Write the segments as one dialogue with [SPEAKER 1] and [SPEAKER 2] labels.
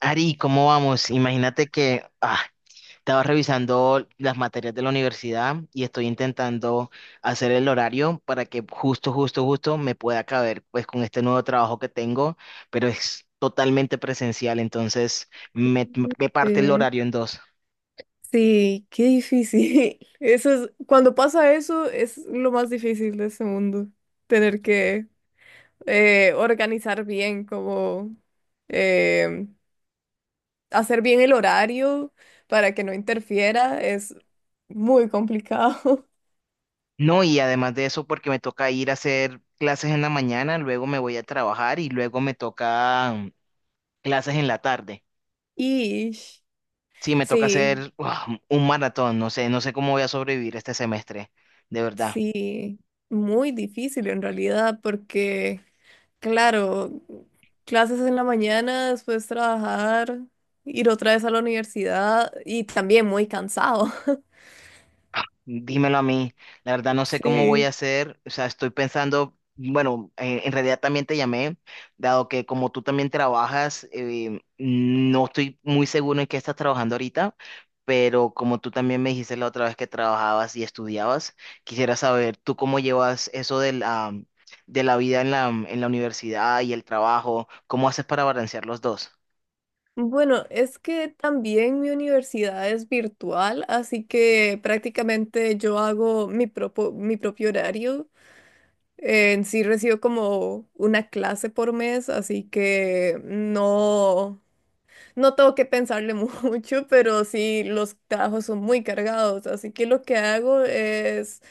[SPEAKER 1] Ari, ¿cómo vamos? Imagínate que estaba revisando las materias de la universidad y estoy intentando hacer el horario para que justo, justo, justo me pueda caber pues con este nuevo trabajo que tengo, pero es totalmente presencial, me parte el
[SPEAKER 2] Eh,
[SPEAKER 1] horario en dos.
[SPEAKER 2] sí, qué difícil. Eso es, cuando pasa eso, es lo más difícil de este mundo. Tener que organizar bien, como eh, hacer bien el horario para que no interfiera, es muy complicado.
[SPEAKER 1] No, y además de eso, porque me toca ir a hacer clases en la mañana, luego me voy a trabajar y luego me toca clases en la tarde.
[SPEAKER 2] Y
[SPEAKER 1] Sí, me toca
[SPEAKER 2] sí,
[SPEAKER 1] hacer un maratón, no sé, no sé cómo voy a sobrevivir este semestre, de verdad.
[SPEAKER 2] sí, muy difícil en realidad, porque claro, clases en la mañana, después trabajar, ir otra vez a la universidad y también muy cansado.
[SPEAKER 1] Dímelo a mí, la verdad no sé cómo voy a
[SPEAKER 2] Sí.
[SPEAKER 1] hacer, o sea, estoy pensando, bueno, en realidad también te llamé, dado que como tú también trabajas, no estoy muy seguro en qué estás trabajando ahorita, pero como tú también me dijiste la otra vez que trabajabas y estudiabas, quisiera saber tú cómo llevas eso de la vida en la universidad y el trabajo, cómo haces para balancear los dos.
[SPEAKER 2] Bueno, es que también mi universidad es virtual, así que prácticamente yo hago mi mi propio horario. En sí recibo como una clase por mes, así que no tengo que pensarle mucho, pero sí los trabajos son muy cargados, así que lo que hago es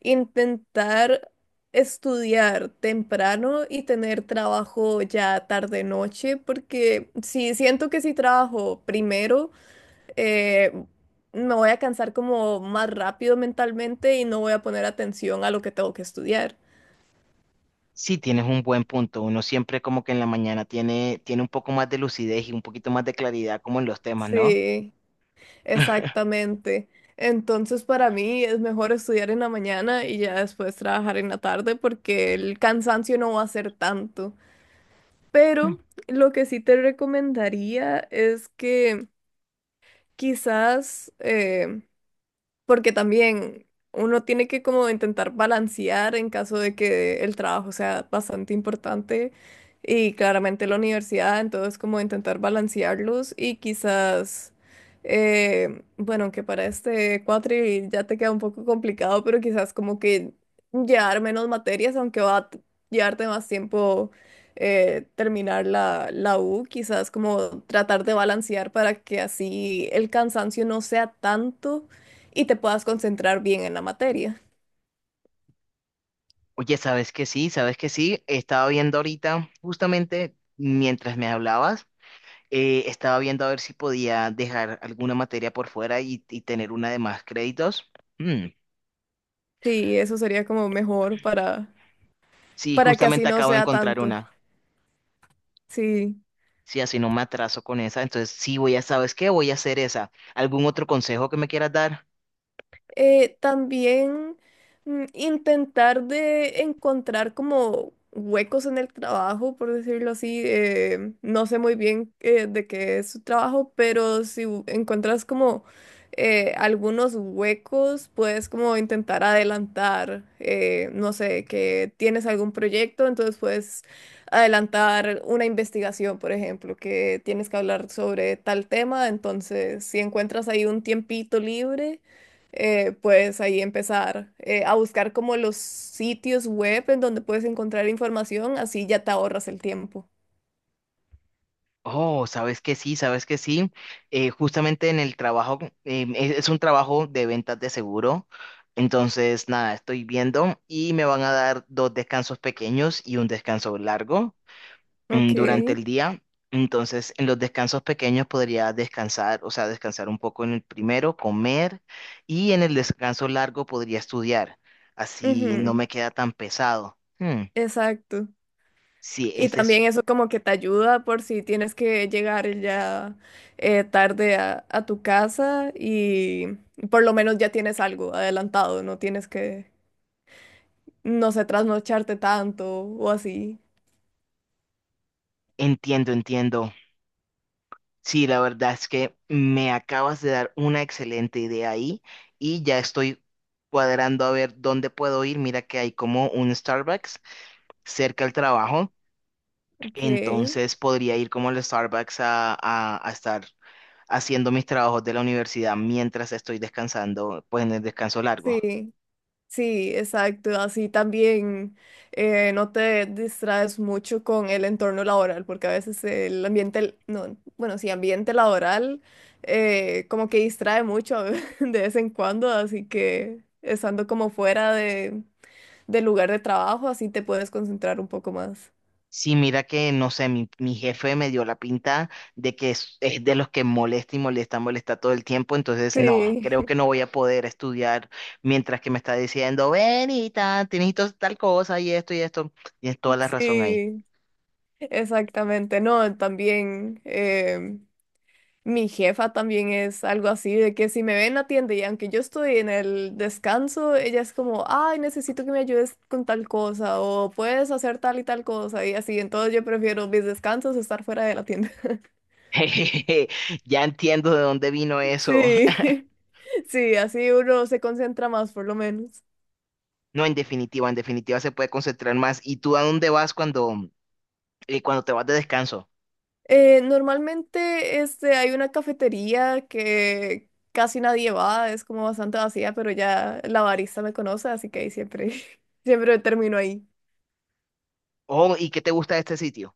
[SPEAKER 2] intentar estudiar temprano y tener trabajo ya tarde noche, porque si siento que si trabajo primero, eh, me voy a cansar como más rápido mentalmente y no voy a poner atención a lo que tengo que estudiar.
[SPEAKER 1] Sí, tienes un buen punto. Uno siempre como que en la mañana tiene un poco más de lucidez y un poquito más de claridad como en los temas, ¿no?
[SPEAKER 2] Sí, exactamente. Entonces para mí es mejor estudiar en la mañana y ya después trabajar en la tarde porque el cansancio no va a ser tanto. Pero
[SPEAKER 1] Mm.
[SPEAKER 2] lo que sí te recomendaría es que quizás, porque también uno tiene que como intentar balancear en caso de que el trabajo sea bastante importante y claramente la universidad, entonces como intentar balancearlos y quizás, bueno, que para este cuatri ya te queda un poco complicado, pero quizás como que llevar menos materias, aunque llevarte más tiempo. Terminar la U, quizás como tratar de balancear para que así el cansancio no sea tanto y te puedas concentrar bien en la materia.
[SPEAKER 1] Oye, ¿sabes que sí? ¿Sabes que sí? Estaba viendo ahorita, justamente mientras me hablabas, estaba viendo a ver si podía dejar alguna materia por fuera y tener una de más créditos. Mm.
[SPEAKER 2] Sí, eso sería como mejor
[SPEAKER 1] Sí,
[SPEAKER 2] para que así
[SPEAKER 1] justamente
[SPEAKER 2] no
[SPEAKER 1] acabo de
[SPEAKER 2] sea
[SPEAKER 1] encontrar
[SPEAKER 2] tanto.
[SPEAKER 1] una.
[SPEAKER 2] Sí.
[SPEAKER 1] Sí, así no me atraso con esa. Entonces, sí, voy a, ¿sabes qué? Voy a hacer esa. ¿Algún otro consejo que me quieras dar?
[SPEAKER 2] También intentar de encontrar como huecos en el trabajo, por decirlo así. No sé muy bien de qué es su trabajo, pero si u- encuentras como algunos huecos, puedes como intentar adelantar, no sé, que tienes algún proyecto, entonces puedes adelantar una investigación, por ejemplo, que tienes que hablar sobre tal tema, entonces si encuentras ahí un tiempito libre puedes ahí empezar a buscar como los sitios web en donde puedes encontrar información, así ya te ahorras el tiempo.
[SPEAKER 1] Oh, sabes que sí, sabes que sí. Justamente en el trabajo, es un trabajo de ventas de seguro. Entonces, nada, estoy viendo y me van a dar dos descansos pequeños y un descanso largo
[SPEAKER 2] Ok.
[SPEAKER 1] durante el día. Entonces, en los descansos pequeños podría descansar, o sea, descansar un poco en el primero, comer y en el descanso largo podría estudiar. Así no
[SPEAKER 2] Ujú.
[SPEAKER 1] me queda tan pesado. Hmm,
[SPEAKER 2] Exacto.
[SPEAKER 1] sí,
[SPEAKER 2] Y
[SPEAKER 1] ese es,
[SPEAKER 2] también eso como que te ayuda por si tienes que llegar ya tarde a tu casa y por lo menos ya tienes algo adelantado, no tienes que, no sé, trasnocharte tanto o así.
[SPEAKER 1] entiendo, entiendo. Sí, la verdad es que me acabas de dar una excelente idea ahí y ya estoy cuadrando a ver dónde puedo ir. Mira que hay como un Starbucks cerca del trabajo,
[SPEAKER 2] Ok.
[SPEAKER 1] entonces podría ir como al Starbucks a, a estar haciendo mis trabajos de la universidad mientras estoy descansando, pues en el descanso largo.
[SPEAKER 2] Sí, sí, exacto. Así también no te distraes mucho con el entorno laboral, porque a veces el ambiente, no, bueno, sí, ambiente laboral como que distrae mucho de vez en cuando, así que estando como fuera de, del lugar de trabajo, así te puedes concentrar un poco más.
[SPEAKER 1] Sí, mira que, no sé, mi jefe me dio la pinta de que es de los que molesta y molesta, molesta todo el tiempo, entonces no, creo
[SPEAKER 2] Sí,
[SPEAKER 1] que no voy a poder estudiar mientras que me está diciendo, Benita, tienes tal cosa y esto y esto. Tienes toda la razón ahí.
[SPEAKER 2] sí, exactamente. No, también. Mi jefa también es algo así, de que si me ve en la tienda y aunque yo estoy en el descanso, ella es como, ay, necesito que me ayudes con tal cosa o puedes hacer tal y tal cosa y así. Entonces yo prefiero mis descansos estar fuera de la tienda.
[SPEAKER 1] Ya entiendo de dónde vino eso.
[SPEAKER 2] Sí, sí, así uno se concentra más por lo menos.
[SPEAKER 1] No, en definitiva se puede concentrar más. ¿Y tú a dónde vas cuando te vas de descanso?
[SPEAKER 2] Normalmente este, hay una cafetería que casi nadie va, es como bastante vacía, pero ya la barista me conoce, así que ahí siempre, siempre termino ahí.
[SPEAKER 1] Oh, ¿y qué te gusta de este sitio?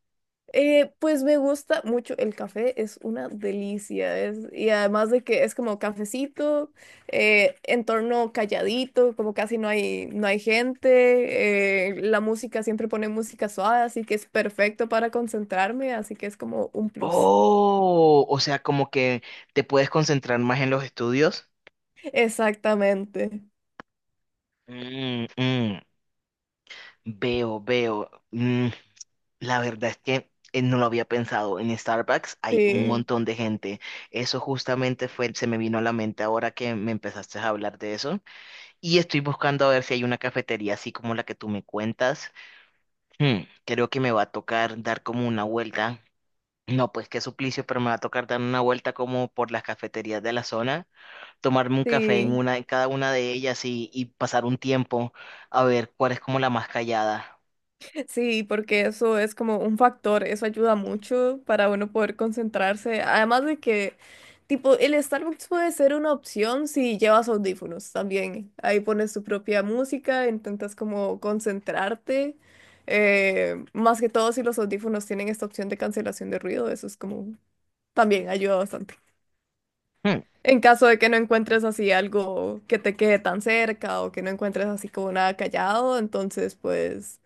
[SPEAKER 2] Pues me gusta mucho el café, es una delicia, es, y además de que es como cafecito, entorno calladito, como casi no hay, no hay gente, la música siempre pone música suave, así que es perfecto para concentrarme, así que es como un plus.
[SPEAKER 1] Oh, o sea, como que te puedes concentrar más en los estudios.
[SPEAKER 2] Exactamente,
[SPEAKER 1] Mm, mm. Veo, veo. Mm, la verdad es que no lo había pensado. En Starbucks hay un
[SPEAKER 2] sí,
[SPEAKER 1] montón de gente. Eso justamente fue, se me vino a la mente ahora que me empezaste a hablar de eso. Y estoy buscando a ver si hay una cafetería así como la que tú me cuentas. Hmm, creo que me va a tocar dar como una vuelta. No, pues qué suplicio, pero me va a tocar dar una vuelta como por las cafeterías de la zona, tomarme un café en
[SPEAKER 2] sí.
[SPEAKER 1] una, en cada una de ellas y pasar un tiempo a ver cuál es como la más callada.
[SPEAKER 2] Sí, porque eso es como un factor, eso ayuda mucho para uno poder concentrarse. Además de que, tipo, el Starbucks puede ser una opción si llevas audífonos también. Ahí pones tu propia música, intentas como concentrarte. Más que todo si los audífonos tienen esta opción de cancelación de ruido, eso es como también ayuda bastante.
[SPEAKER 1] Hmm.
[SPEAKER 2] En caso de que no encuentres así algo que te quede tan cerca o que no encuentres así como nada callado, entonces pues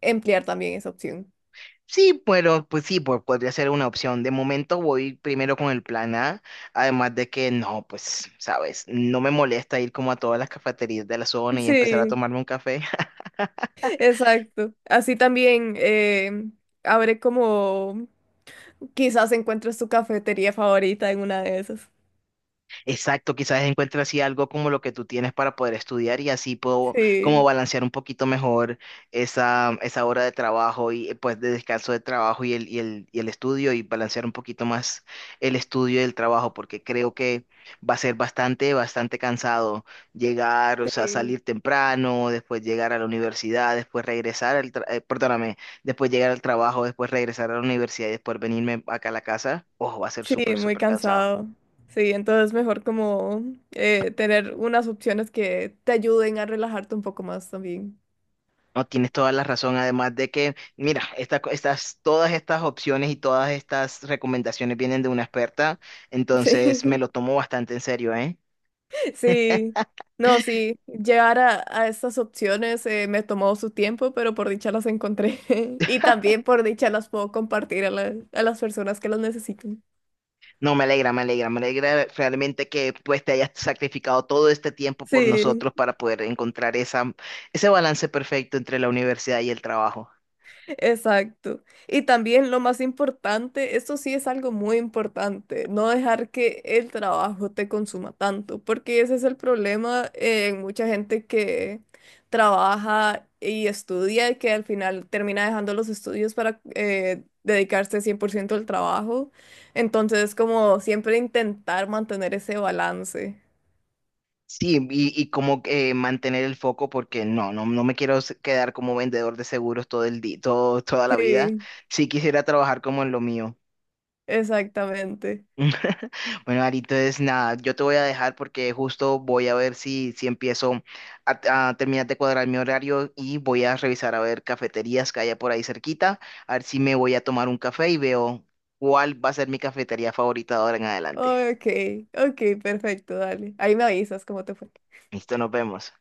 [SPEAKER 2] emplear también esa opción.
[SPEAKER 1] Sí, pero pues sí, podría ser una opción. De momento voy primero con el plan A, además de que no, pues, sabes, no me molesta ir como a todas las cafeterías de la zona y empezar a
[SPEAKER 2] Sí,
[SPEAKER 1] tomarme un café.
[SPEAKER 2] exacto. Así también abre como quizás encuentres tu cafetería favorita en una de esas.
[SPEAKER 1] Exacto, quizás encuentre así algo como lo que tú tienes para poder estudiar y así puedo como
[SPEAKER 2] Sí,
[SPEAKER 1] balancear un poquito mejor esa, esa hora de trabajo y pues de descanso de trabajo y el estudio y balancear un poquito más el estudio y el trabajo porque creo que va a ser bastante, bastante cansado llegar, o sea,
[SPEAKER 2] sí,
[SPEAKER 1] salir temprano, después llegar a la universidad, después regresar perdóname, después llegar al trabajo, después regresar a la universidad y después venirme acá a la casa. Ojo, va a ser
[SPEAKER 2] sí,
[SPEAKER 1] súper,
[SPEAKER 2] muy
[SPEAKER 1] súper cansado.
[SPEAKER 2] cansado. Sí, entonces mejor como tener unas opciones que te ayuden a relajarte un poco más también.
[SPEAKER 1] No, tienes toda la razón, además de que, mira, todas estas opciones y todas estas recomendaciones vienen de una experta, entonces me
[SPEAKER 2] Sí,
[SPEAKER 1] lo tomo bastante en serio, ¿eh?
[SPEAKER 2] sí. No, sí, llegar a estas opciones me tomó su tiempo, pero por dicha las encontré. Y también por dicha las puedo compartir a las personas que las necesitan.
[SPEAKER 1] No, me alegra, me alegra, me alegra realmente que pues te hayas sacrificado todo este tiempo por
[SPEAKER 2] Sí,
[SPEAKER 1] nosotros para poder encontrar esa, ese balance perfecto entre la universidad y el trabajo.
[SPEAKER 2] exacto. Y también lo más importante, esto sí es algo muy importante, no dejar que el trabajo te consuma tanto, porque ese es el problema en mucha gente que trabaja y estudia y que al final termina dejando los estudios para dedicarse 100% al trabajo. Entonces, como siempre intentar mantener ese balance.
[SPEAKER 1] Sí, y como mantener el foco porque no, no, no me quiero quedar como vendedor de seguros todo el día, todo, toda la vida.
[SPEAKER 2] Sí,
[SPEAKER 1] Sí quisiera trabajar como en lo mío.
[SPEAKER 2] exactamente.
[SPEAKER 1] Bueno, Ari, entonces nada, yo te voy a dejar porque justo voy a ver si empiezo a terminar de cuadrar mi horario y voy a revisar a ver cafeterías que haya por ahí cerquita, a ver si me voy a tomar un café y veo cuál va a ser mi cafetería favorita de ahora en adelante.
[SPEAKER 2] Ok, ok, perfecto, dale. Ahí me avisas cómo te fue.
[SPEAKER 1] Listo, nos vemos.